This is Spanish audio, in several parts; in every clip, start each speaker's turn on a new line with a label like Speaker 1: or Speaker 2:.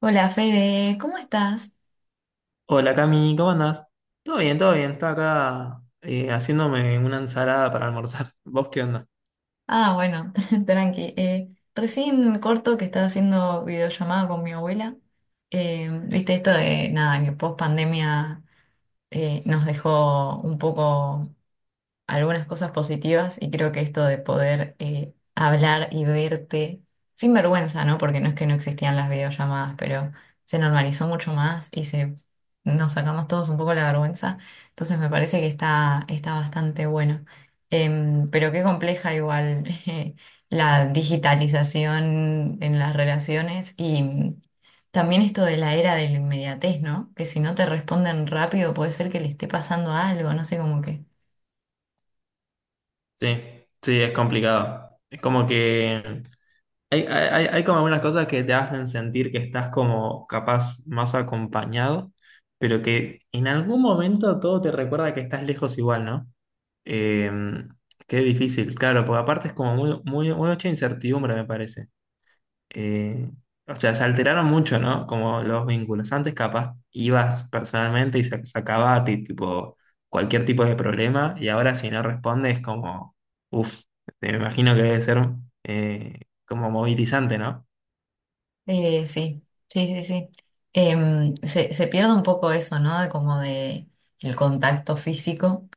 Speaker 1: Hola Fede, ¿cómo estás?
Speaker 2: Hola Cami, ¿cómo andás? Todo bien, todo bien. Estaba acá haciéndome una ensalada para almorzar. ¿Vos qué onda?
Speaker 1: Ah, bueno, tranqui. Recién corto que estaba haciendo videollamada con mi abuela. Viste esto de nada, que post pandemia nos dejó un poco algunas cosas positivas y creo que esto de poder hablar y verte sin vergüenza, ¿no? Porque no es que no existían las videollamadas, pero se normalizó mucho más y nos sacamos todos un poco la vergüenza. Entonces me parece que está bastante bueno. Pero qué compleja igual la digitalización en las relaciones y también esto de la era de la inmediatez, ¿no? Que si no te responden rápido puede ser que le esté pasando algo, no sé, como que...
Speaker 2: Sí, sí, es complicado. Es como que hay como algunas cosas que te hacen sentir que estás como capaz más acompañado, pero que en algún momento todo te recuerda que estás lejos igual, ¿no? Eh, Qué difícil, claro, porque aparte es como mucha incertidumbre, me parece. eh, o sea, se alteraron mucho, ¿no? Como los vínculos. Antes capaz ibas personalmente y se sacaba a ti, tipo, cualquier tipo de problema y ahora si no respondes como, uff, me imagino que debe ser eh, como movilizante, ¿no?
Speaker 1: Sí, sí, sí, sí. Se pierde un poco eso, ¿no? De como de el contacto físico,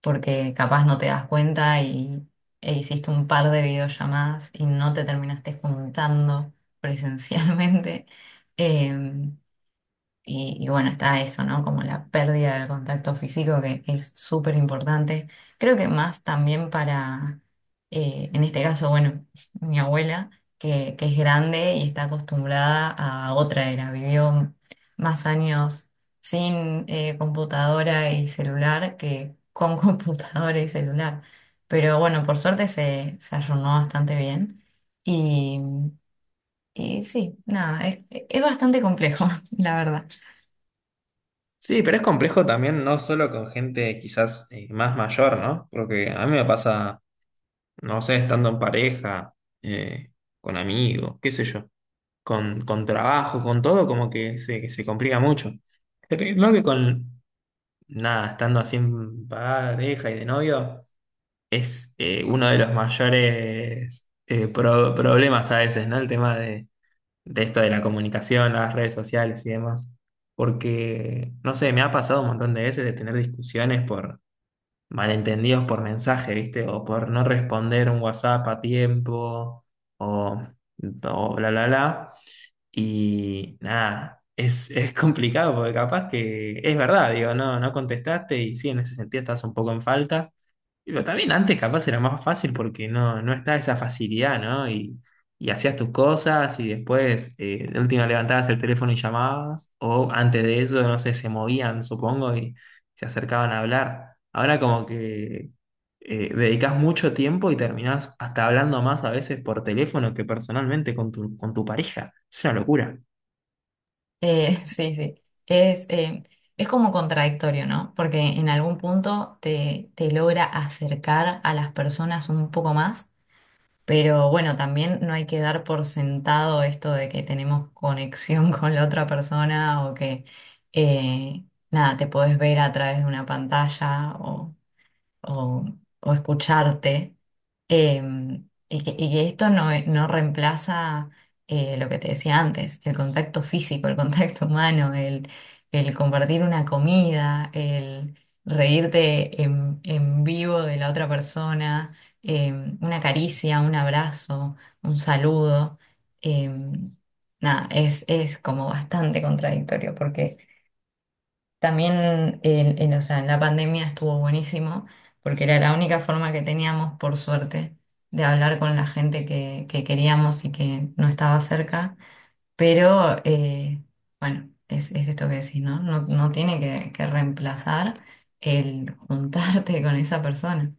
Speaker 1: porque capaz no te das cuenta y e hiciste un par de videollamadas y no te terminaste juntando presencialmente. Em, y, bueno, está eso, ¿no? Como la pérdida del contacto físico que es súper importante. Creo que más también en este caso, bueno, mi abuela, que es grande y está acostumbrada a otra era. Vivió más años sin computadora y celular que con computadora y celular. Pero bueno, por suerte se arruinó bastante bien. Y, y sí, nada, es bastante complejo, la verdad.
Speaker 2: Sí, pero es complejo también, no solo con gente quizás más mayor, ¿no? Porque a mí me pasa, no sé, estando en pareja, eh, con amigos, qué sé yo. Con trabajo, con todo, como que se complica mucho. Creo que con nada, estando así en pareja y de novio, es uno de los mayores problemas a veces, ¿no? El tema de esto de la comunicación, las redes sociales y demás. Porque, no sé, me ha pasado un montón de veces de tener discusiones por malentendidos por mensaje, ¿viste? O por no responder un WhatsApp a tiempo, o, o bla, bla, bla. Y nada, es complicado porque capaz que es verdad, digo, no contestaste y sí, en ese sentido estás un poco en falta. Y pero también antes capaz era más fácil porque no está esa facilidad, ¿no? Y hacías tus cosas y después de última levantabas el teléfono y llamabas, o antes de eso, no sé, se movían, supongo, y se acercaban a hablar. Ahora como que dedicas mucho tiempo y terminás hasta hablando más a veces por teléfono que personalmente con tu pareja. Es una locura.
Speaker 1: Sí, sí. Es, eh, es como contradictorio, ¿no? Porque en algún punto te logra acercar a las personas un poco más, pero bueno, también no hay que dar por sentado esto de que tenemos conexión con la otra persona eh, nada, te podés ver a través de una pantalla o o escucharte. Y que esto no reemplaza lo que te decía antes, el contacto físico, el contacto humano, el compartir una comida, el reírte en vivo de la otra persona, una caricia, un abrazo, un saludo. em, Nada, es como bastante contradictorio porque también o sea, en la pandemia estuvo buenísimo porque era la única forma que teníamos, por suerte, de hablar con la gente que queríamos y que no estaba cerca. Pero bueno, es esto que decís, ¿no? No, no tiene que reemplazar el juntarte con esa persona.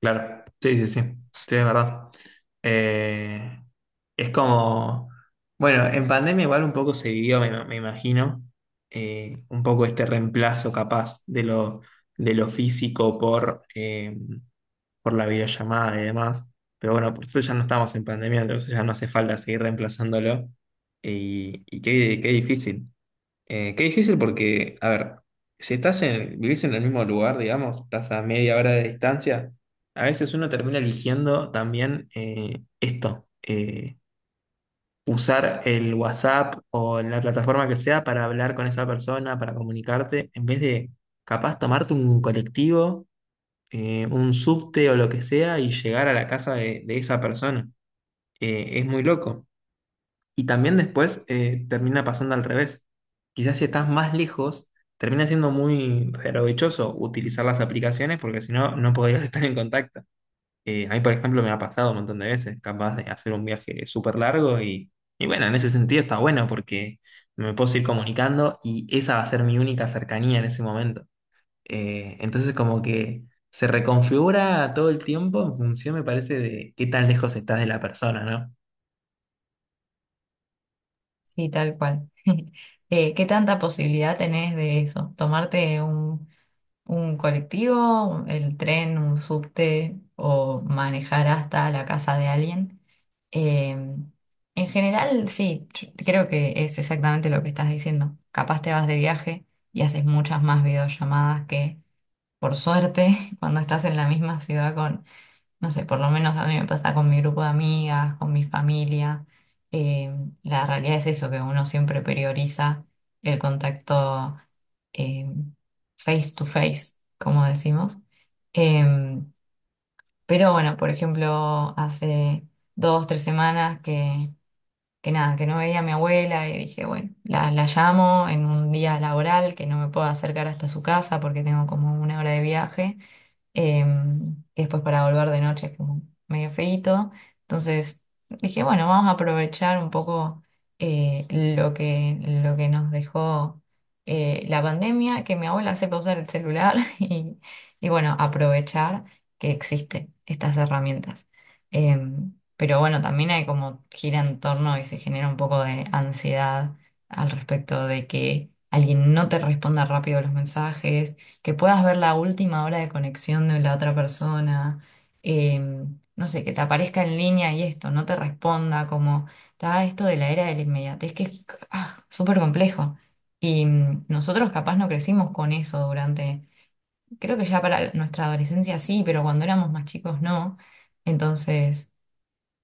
Speaker 2: Claro, sí, sí, sí, sí, es verdad. Eh, es como, bueno, en pandemia igual un poco se vivió, me imagino, un poco este reemplazo capaz de lo físico por la videollamada y demás. Pero bueno, por eso ya no estamos en pandemia, entonces ya no hace falta seguir reemplazándolo. Y qué difícil. Qué difícil porque, a ver, si vivís en el mismo lugar, digamos, estás a media hora de distancia, a veces uno termina eligiendo también usar el WhatsApp o la plataforma que sea para hablar con esa persona, para comunicarte, en vez de capaz tomarte un colectivo, un subte o lo que sea y llegar a la casa de esa persona. Es muy loco. Y también después termina pasando al revés. Quizás si estás más lejos, termina siendo muy provechoso utilizar las aplicaciones porque si no, no podrías estar en contacto. A mí, por ejemplo, me ha pasado un montón de veces, capaz de hacer un viaje súper largo y bueno, en ese sentido está bueno porque me puedo seguir comunicando y esa va a ser mi única cercanía en ese momento. Entonces como que se reconfigura todo el tiempo en función, me parece, de qué tan lejos estás de la persona, ¿no?
Speaker 1: Sí, tal cual. ¿Qué tanta posibilidad tenés de eso? Tomarte un colectivo, el tren, un subte o manejar hasta la casa de alguien. Eh, en general, sí, yo creo que es exactamente lo que estás diciendo. Capaz te vas de viaje y haces muchas más videollamadas que, por suerte, cuando estás en la misma ciudad con, no sé, por lo menos a mí me pasa con mi grupo de amigas, con mi familia. Eh, la realidad es eso, que uno siempre prioriza el contacto eh, face to face, como decimos. Em, pero bueno, por ejemplo, hace dos, tres semanas que nada, que no veía a mi abuela y dije, bueno, la llamo en un día laboral que no me puedo acercar hasta su casa porque tengo como una hora de viaje y después para volver de noche es como medio feíto. Entonces dije, bueno, vamos a aprovechar un poco eh, lo que, lo que nos dejó la pandemia, que mi abuela sepa usar el celular y bueno, aprovechar que existen estas herramientas. Pero bueno, también hay como gira en torno y se genera un poco de ansiedad al respecto de que alguien no te responda rápido los mensajes, que puedas ver la última hora de conexión de la otra persona, eh, no sé, que te aparezca en línea y esto, no te responda, como está esto de la era de la inmediatez, que es ah, súper complejo. Y nosotros capaz no crecimos con eso durante, creo que ya para nuestra adolescencia sí, pero cuando éramos más chicos no. Entonces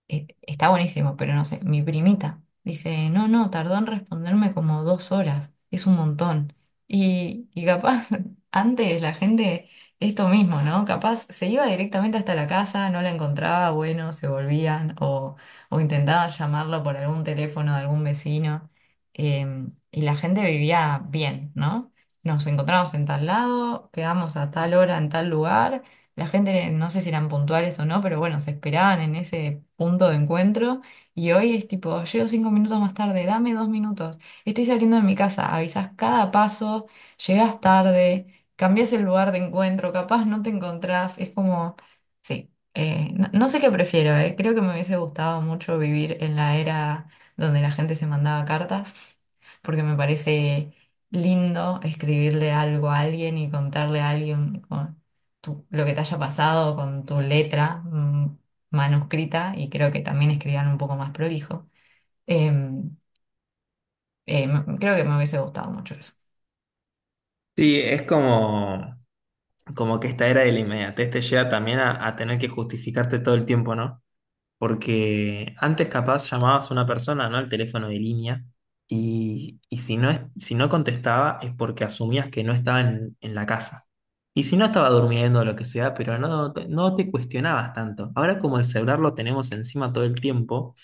Speaker 1: está buenísimo, pero no sé, mi primita dice, no, no, tardó en responderme como dos horas, es un montón. Y capaz antes la gente, esto mismo, ¿no? Capaz se iba directamente hasta la casa, no la encontraba, bueno, se volvían o intentaba llamarlo por algún teléfono de algún vecino. eh, y la gente vivía bien, ¿no? Nos encontramos en tal lado, quedamos a tal hora en tal lugar, la gente, no sé si eran puntuales o no, pero bueno, se esperaban en ese punto de encuentro. Y hoy es tipo, llego cinco minutos más tarde, dame dos minutos, estoy saliendo de mi casa, avisas cada paso, llegas tarde, cambias el lugar de encuentro, capaz no te encontrás, es como, sí, no, no sé qué prefiero, creo que me hubiese gustado mucho vivir en la era donde la gente se mandaba cartas, porque me parece lindo escribirle algo a alguien y contarle a alguien lo que te haya pasado con tu letra manuscrita, y creo que también escribían un poco más prolijo. Em, Creo que me hubiese gustado mucho eso.
Speaker 2: Sí, es como... Como que esta era de la inmediatez te llega también a tener que justificarte todo el tiempo, ¿no? Porque antes capaz llamabas a una persona, ¿no? Al teléfono de línea y, si no contestaba es porque asumías que no estaba en la casa. Y si no estaba durmiendo o lo que sea, pero no, no te cuestionabas tanto. Ahora como el celular lo tenemos encima todo el tiempo,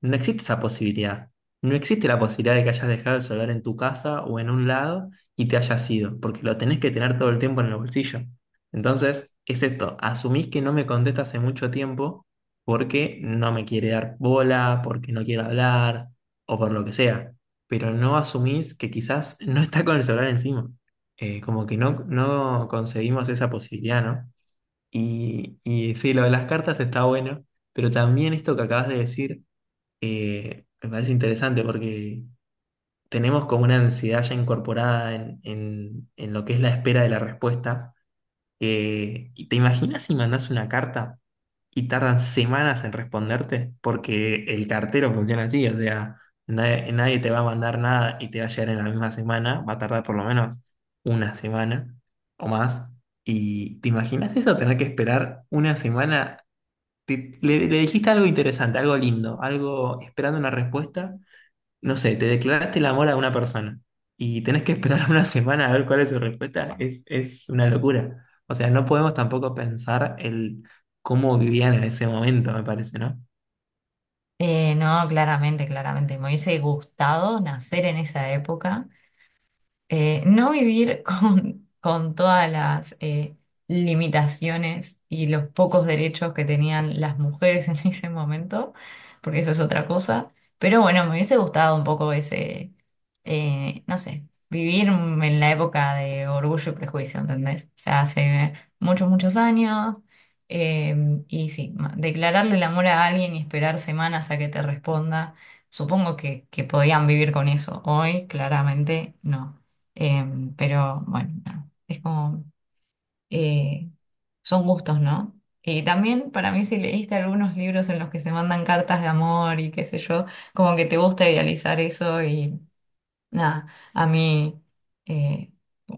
Speaker 2: no existe esa posibilidad. No existe la posibilidad de que hayas dejado el celular en tu casa o en un lado y te hayas ido, porque lo tenés que tener todo el tiempo en el bolsillo. Entonces, es esto, asumís que no me contesta hace mucho tiempo porque no me quiere dar bola, porque no quiere hablar o por lo que sea, pero no asumís que quizás no está con el celular encima. Como que no, no concebimos esa posibilidad, ¿no? Y sí, lo de las cartas está bueno, pero también esto que acabas de decir me parece interesante porque tenemos como una ansiedad ya incorporada en lo que es la espera de la respuesta. ¿Y te imaginas si mandas una carta y tardan semanas en responderte? Porque el cartero funciona así, o sea, nadie te va a mandar nada y te va a llegar en la misma semana, va a tardar por lo menos una semana o más. ¿Y te imaginas eso, tener que esperar una semana? Le dijiste algo interesante, algo lindo, algo esperando una respuesta, no sé, te declaraste el amor a una persona y tenés que esperar una semana a ver cuál es su respuesta, es una locura. O sea, no podemos tampoco pensar el cómo vivían en ese momento, me parece, ¿no?
Speaker 1: No, claramente, claramente. Me hubiese gustado nacer en esa época, no vivir con todas las limitaciones y los pocos derechos que tenían las mujeres en ese momento, porque eso es otra cosa. Pero bueno, me hubiese gustado un poco ese, no sé, vivir en la época de Orgullo y Prejuicio, ¿entendés? O sea, hace muchos, muchos años. Y sí, declararle el amor a alguien y esperar semanas a que te responda, supongo que podían vivir con eso. Hoy, claramente, no. Pero bueno, nada, es como, eh, son gustos, ¿no? Y también para mí, si leíste algunos libros en los que se mandan cartas de amor y qué sé yo, como que te gusta idealizar eso y nada, a mí eh,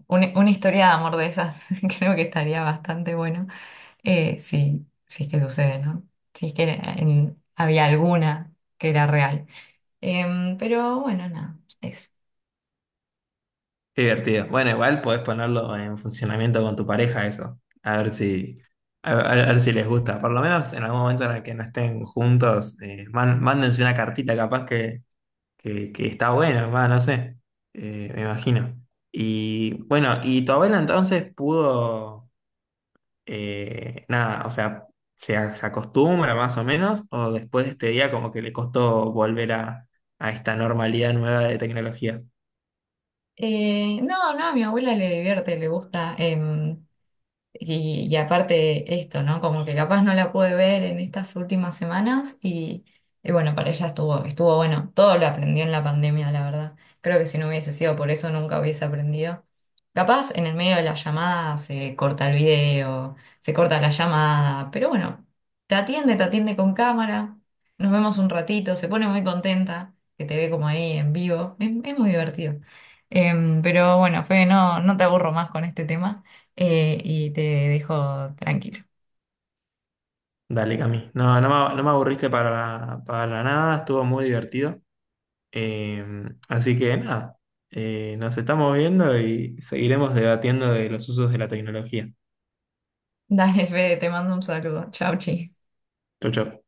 Speaker 1: una historia de amor de esas creo que estaría bastante bueno, si es que sucede, ¿no? Si es que había alguna que era real. Pero bueno, nada, eso.
Speaker 2: Qué divertido. Bueno, igual podés ponerlo en funcionamiento con tu pareja eso. A ver si, a ver si les gusta. Por lo menos en algún momento en el que no estén juntos, mándense una cartita capaz que, que está bueno, va, no sé. Me imagino. Y bueno, ¿y tu abuela entonces pudo? Nada, o sea, se acostumbra más o menos, o después de este día como que le costó volver a esta normalidad nueva de tecnología.
Speaker 1: No, no, a mi abuela le divierte, le gusta. Y, y aparte esto, ¿no? Como que capaz no la pude ver en estas últimas semanas y bueno, para ella estuvo, estuvo bueno. Todo lo aprendí en la pandemia, la verdad. Creo que si no hubiese sido por eso nunca hubiese aprendido. Capaz en el medio de la llamada se corta el video, se corta la llamada, pero bueno, te atiende con cámara, nos vemos un ratito, se pone muy contenta que te ve como ahí en vivo. Es muy divertido. Pero bueno, Fede, no, no te aburro más con este tema, y te dejo tranquilo.
Speaker 2: Dale, Cami. No, no me aburriste para nada, estuvo muy divertido. Eh, Así que nada, nos estamos viendo y seguiremos debatiendo de los usos de la tecnología.
Speaker 1: Dale, Fede, te mando un saludo. Chau, chi.
Speaker 2: Chau, chau.